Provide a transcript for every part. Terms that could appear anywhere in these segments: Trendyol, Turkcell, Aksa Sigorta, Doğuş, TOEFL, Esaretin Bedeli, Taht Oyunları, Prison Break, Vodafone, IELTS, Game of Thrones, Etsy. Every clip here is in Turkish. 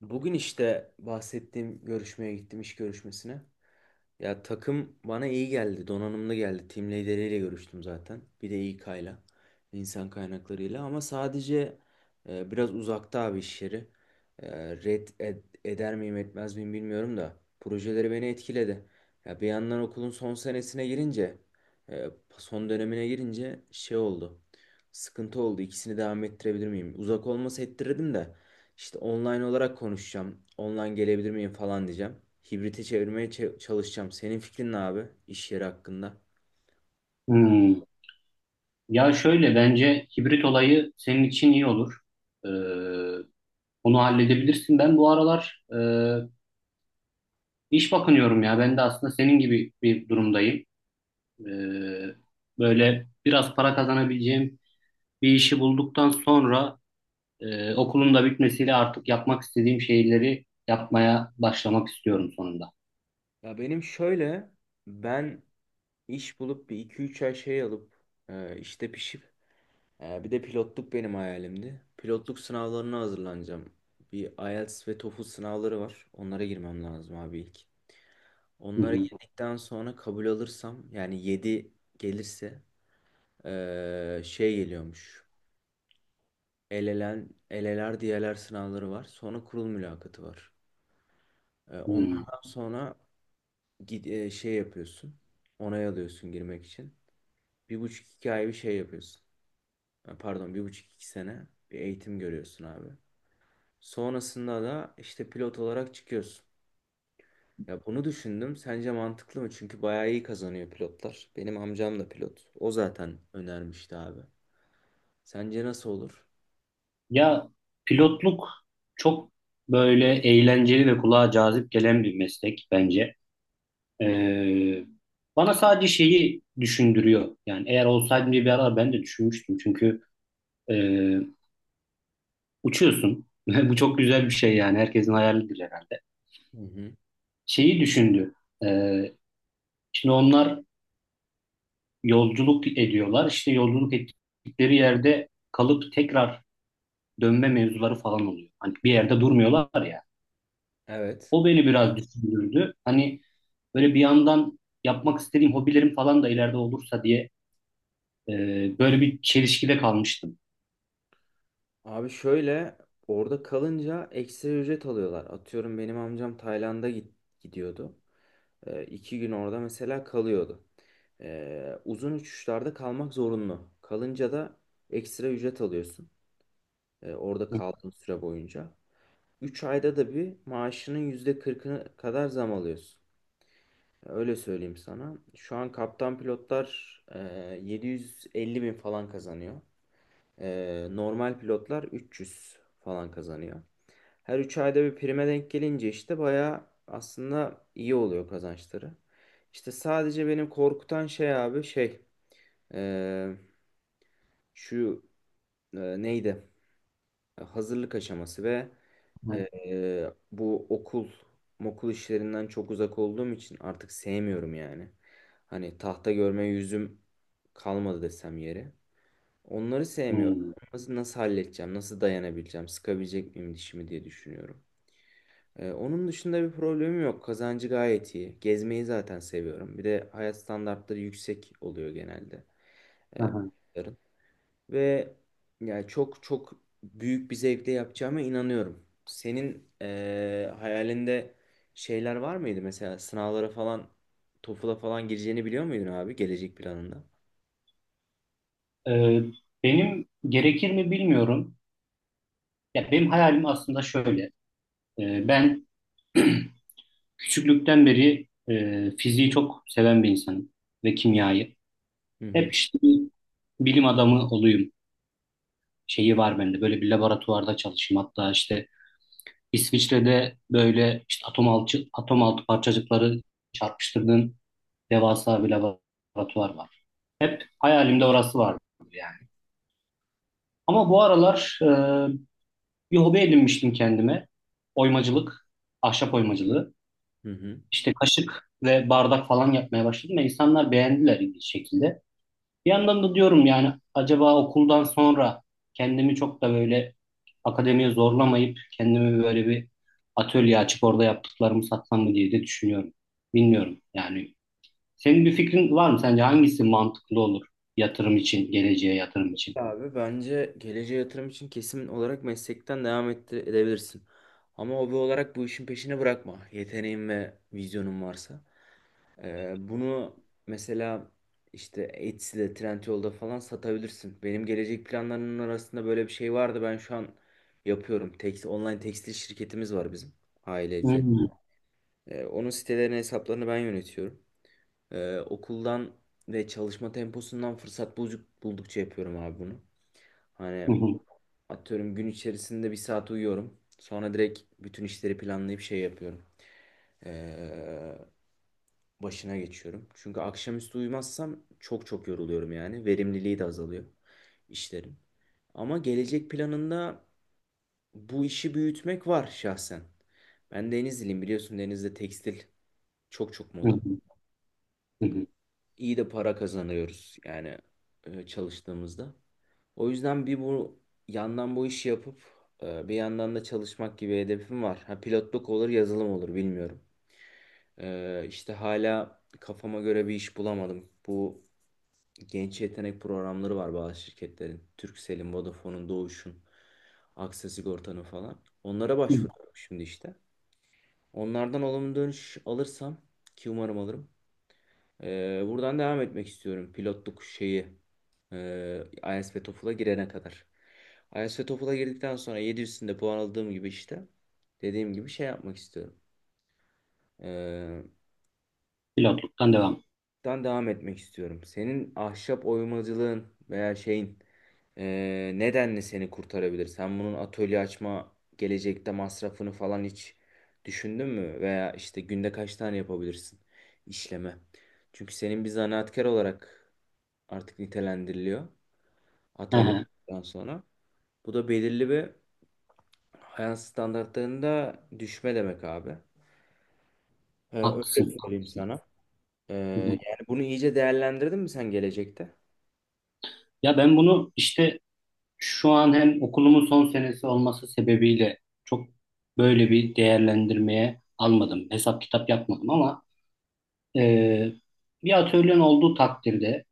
Bugün işte bahsettiğim görüşmeye gittim iş görüşmesine. Ya takım bana iyi geldi, donanımlı geldi. Team lideriyle görüştüm zaten. Bir de İK'yla, insan kaynaklarıyla. Ama sadece biraz uzakta abi iş yeri. Red eder miyim etmez miyim bilmiyorum da. Projeleri beni etkiledi. Ya bir yandan okulun son senesine girince, e, son dönemine girince şey oldu. Sıkıntı oldu. İkisini devam ettirebilir miyim? Uzak olması ettirirdim de. İşte online olarak konuşacağım. Online gelebilir miyim falan diyeceğim. Hibrite çevirmeye çalışacağım. Senin fikrin ne abi iş yeri hakkında? Hmm. Ya şöyle, bence hibrit olayı senin için iyi olur. Ee, Onu halledebilirsin. Ben bu aralar iş bakınıyorum ya. Ben de aslında senin gibi bir durumdayım. Ee, Böyle biraz para kazanabileceğim bir işi bulduktan sonra, okulun da bitmesiyle artık yapmak istediğim şeyleri yapmaya başlamak istiyorum sonunda. Ya benim şöyle ben iş bulup bir iki üç ay şey alıp işte pişip bir de pilotluk benim hayalimdi. Pilotluk sınavlarına hazırlanacağım. Bir IELTS ve TOEFL sınavları var. Onlara girmem lazım abi ilk. Hı Onlara hı. girdikten sonra kabul alırsam yani 7 gelirse şey geliyormuş. Elelen, eleler diyeler sınavları var. Sonra kurul mülakatı var. Hmm. Onlardan sonra şey yapıyorsun. Onay alıyorsun girmek için. Bir buçuk iki ay bir şey yapıyorsun. Pardon, bir buçuk iki sene bir eğitim görüyorsun abi. Sonrasında da işte pilot olarak çıkıyorsun. Ya bunu düşündüm. Sence mantıklı mı? Çünkü bayağı iyi kazanıyor pilotlar. Benim amcam da pilot. O zaten önermişti abi. Sence nasıl olur? Ya pilotluk çok böyle eğlenceli ve kulağa cazip gelen bir meslek bence. Ee, Bana sadece şeyi düşündürüyor. Yani eğer olsaydım diye bir ara ben de düşünmüştüm. Çünkü e, uçuyorsun. Bu çok güzel bir şey yani. Herkesin hayalidir herhalde. Hı hı. Şeyi düşündü. Ee, Şimdi onlar yolculuk ediyorlar. İşte yolculuk ettikleri yerde kalıp tekrar dönme mevzuları falan oluyor. Hani bir yerde durmuyorlar ya. Evet. O beni biraz düşündürdü. Hani böyle bir yandan yapmak istediğim hobilerim falan da ileride olursa diye, e, böyle bir çelişkide kalmıştım. Abi şöyle, orada kalınca ekstra ücret alıyorlar. Atıyorum benim amcam Tayland'a gidiyordu. İki gün orada mesela kalıyordu. Uzun uçuşlarda kalmak zorunlu. Kalınca da ekstra ücret alıyorsun. Orada kaldığın süre boyunca. 3 ayda da bir maaşının %40'ını kadar zam alıyorsun. Öyle söyleyeyim sana. Şu an kaptan pilotlar 750 bin falan kazanıyor. Normal pilotlar 300 falan kazanıyor. Her 3 ayda bir prime denk gelince işte bayağı aslında iyi oluyor kazançları. İşte sadece benim korkutan şey abi, şey ee, şu neydi? Hazırlık aşaması ve Hı. Bu okul mokul işlerinden çok uzak olduğum için artık sevmiyorum yani. Hani tahta görme yüzüm kalmadı desem yeri. Onları sevmiyorum. Hmm. Nasıl, nasıl halledeceğim? Nasıl dayanabileceğim? Sıkabilecek miyim dişimi diye düşünüyorum. Onun dışında bir problemim yok. Kazancı gayet iyi. Gezmeyi zaten seviyorum. Bir de hayat standartları yüksek oluyor genelde. Hı Ee, hı. Bunların. Ve yani çok çok büyük bir zevkle yapacağıma inanıyorum. Senin hayalinde şeyler var mıydı? Mesela sınavlara falan, TOEFL'a falan gireceğini biliyor muydun abi gelecek planında? Ee, Benim gerekir mi bilmiyorum. Ya benim hayalim aslında şöyle. Ben küçüklükten beri fiziği çok seven bir insanım ve kimyayı. Hı hı. Hep işte bir bilim adamı olayım şeyi var bende. Böyle bir laboratuvarda çalışayım. Hatta işte İsviçre'de böyle işte atom altı, atom altı parçacıkları çarpıştırdığın devasa bir laboratuvar var. Hayalimde orası vardı yani. Ama bu aralar bir hobi edinmiştim kendime. Oymacılık, ahşap oymacılığı. Hı hı. İşte kaşık ve bardak falan yapmaya başladım ve insanlar beğendiler ilginç şekilde. Bir yandan da diyorum yani acaba okuldan sonra kendimi çok da böyle akademiye zorlamayıp kendimi böyle bir atölye açıp orada yaptıklarımı satsam mı diye de düşünüyorum. Bilmiyorum yani. Senin bir fikrin var mı? Sence hangisi mantıklı olur yatırım için, geleceğe yatırım için? Abi bence geleceğe yatırım için kesin olarak meslekten devam edebilirsin. Ama hobi olarak bu işin peşini bırakma. Yeteneğin ve vizyonun varsa. Bunu mesela işte Etsy'de, Trendyol'da falan satabilirsin. Benim gelecek planlarımın arasında böyle bir şey vardı. Ben şu an yapıyorum. Online tekstil şirketimiz var bizim aile üzerine. Hmm. Onun sitelerine hesaplarını ben yönetiyorum. Okuldan ve çalışma temposundan fırsat buldukça yapıyorum abi bunu. Hani Hı hı, atıyorum gün içerisinde bir saat uyuyorum. Sonra direkt bütün işleri planlayıp şey yapıyorum. Ee, Başına geçiyorum. Çünkü akşamüstü uyumazsam çok çok yoruluyorum yani. Verimliliği de azalıyor işlerin. Ama gelecek planında bu işi büyütmek var şahsen. Ben Denizliliyim, biliyorsun, Denizli'de tekstil çok çok hı moda. hı, hı hı. İyi de para kazanıyoruz yani çalıştığımızda. O yüzden bir bu yandan bu işi yapıp bir yandan da çalışmak gibi hedefim var. Ha pilotluk olur, yazılım olur, bilmiyorum. İşte hala kafama göre bir iş bulamadım. Bu genç yetenek programları var bazı şirketlerin. Turkcell'in, Vodafone'un, Doğuş'un, Aksa Sigorta'nın falan. Onlara Hı. başvuruyorum şimdi işte. Onlardan olumlu dönüş alırsam, ki umarım alırım. Buradan devam etmek istiyorum. Pilotluk şeyi. IELTS ve TOEFL'a girene kadar. IELTS ve TOEFL'a girdikten sonra 700'ünde puan aldığım gibi işte. Dediğim gibi şey yapmak istiyorum. Ee, Pilotluktan devam. Buradan devam etmek istiyorum. Senin ahşap oymacılığın veya şeyin nedenle seni kurtarabilir? Sen bunun atölye açma gelecekte masrafını falan hiç düşündün mü? Veya işte günde kaç tane yapabilirsin işleme? Çünkü senin bir zanaatkar olarak artık nitelendiriliyor Hı hı. atölyeden sonra. Bu da belirli bir hayat standartlarında düşme demek abi. Öyle Haklısın, söyleyeyim haklısın. sana. Ee, Hı hı. Yani bunu iyice değerlendirdin mi sen gelecekte? Ya ben bunu işte şu an hem okulumun son senesi olması sebebiyle çok böyle bir değerlendirmeye almadım. Hesap kitap yapmadım ama e, bir atölyen olduğu takdirde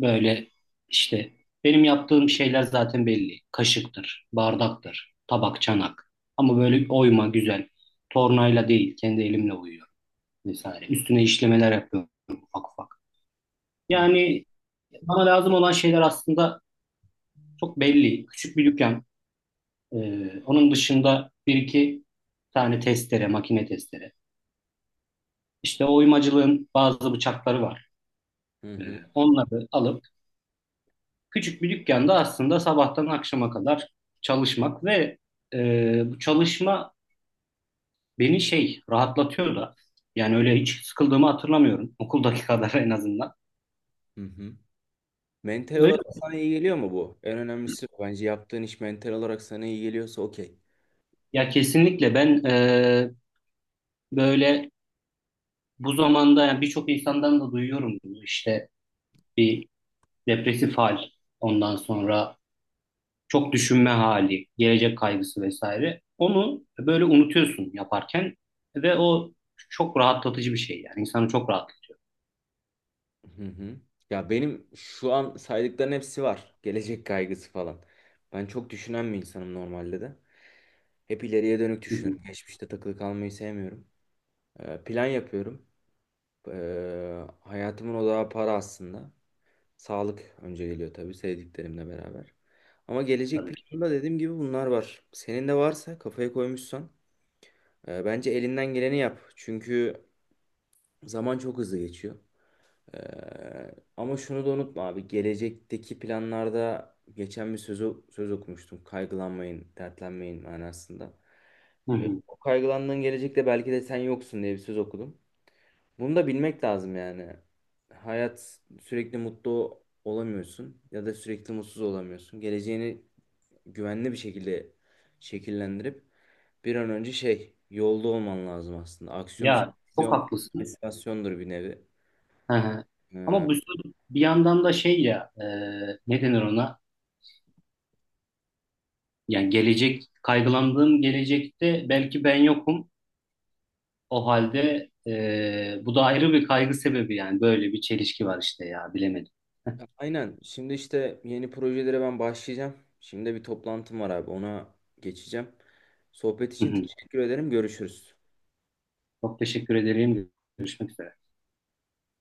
böyle işte benim yaptığım şeyler zaten belli. Kaşıktır, bardaktır, tabak, çanak. Ama böyle oyma güzel. Tornayla değil, kendi elimle oyuyorum vesaire. Üstüne işlemeler yapıyorum ufak ufak. Hı Yani bana lazım olan şeyler aslında çok belli. Küçük bir dükkan. Onun dışında bir iki tane testere, makine testere. İşte oymacılığın bazı bıçakları var. hı Ee, hı. Onları alıp küçük bir dükkanda aslında sabahtan akşama kadar çalışmak ve bu çalışma beni şey rahatlatıyor da. Yani öyle hiç sıkıldığımı hatırlamıyorum. Okuldaki kadar en azından. Hı hı. Mental Öyle. olarak sana iyi geliyor mu bu? En önemlisi bu. Bence yaptığın iş mental olarak sana iyi geliyorsa okey. Ya kesinlikle ben, böyle bu zamanda yani birçok insandan da duyuyorum bunu, işte bir depresif hal, ondan sonra çok düşünme hali, gelecek kaygısı vesaire. Onu böyle unutuyorsun yaparken ve o çok rahatlatıcı bir şey yani, insanı çok rahatlatıyor. Hı hı. Ya benim şu an saydıkların hepsi var. Gelecek kaygısı falan. Ben çok düşünen bir insanım normalde de. Hep ileriye dönük Hı hı. düşünüyorum. Geçmişte takılı kalmayı sevmiyorum. Plan yapıyorum. Hayatımın odağı para aslında. Sağlık önce geliyor tabii, sevdiklerimle beraber. Ama gelecek Tabii ki. planında dediğim gibi bunlar var. Senin de varsa, kafaya koymuşsan, bence elinden geleni yap. Çünkü zaman çok hızlı geçiyor. Ama şunu da unutma abi. Gelecekteki planlarda geçen bir söz okumuştum. Kaygılanmayın, dertlenmeyin manasında. Hı hı. O kaygılandığın gelecekte belki de sen yoksun diye bir söz okudum. Bunu da bilmek lazım yani. Hayat, sürekli mutlu olamıyorsun ya da sürekli mutsuz olamıyorsun. Geleceğini güvenli bir şekilde şekillendirip bir an önce şey yolda olman lazım aslında. Aksiyon, Ya çok vizyon, haklısın. motivasyondur bir nevi. Hı hı. Ama Ee, bu bir yandan da şey ya, ne denir ona? Yani gelecek kaygılandığım gelecekte belki ben yokum. O halde bu da ayrı bir kaygı sebebi yani, böyle bir çelişki var işte ya, bilemedim. aynen. Şimdi işte yeni projelere ben başlayacağım. Şimdi bir toplantım var abi. Ona geçeceğim. Sohbet için teşekkür ederim. Görüşürüz. Çok teşekkür ederim. Görüşmek üzere.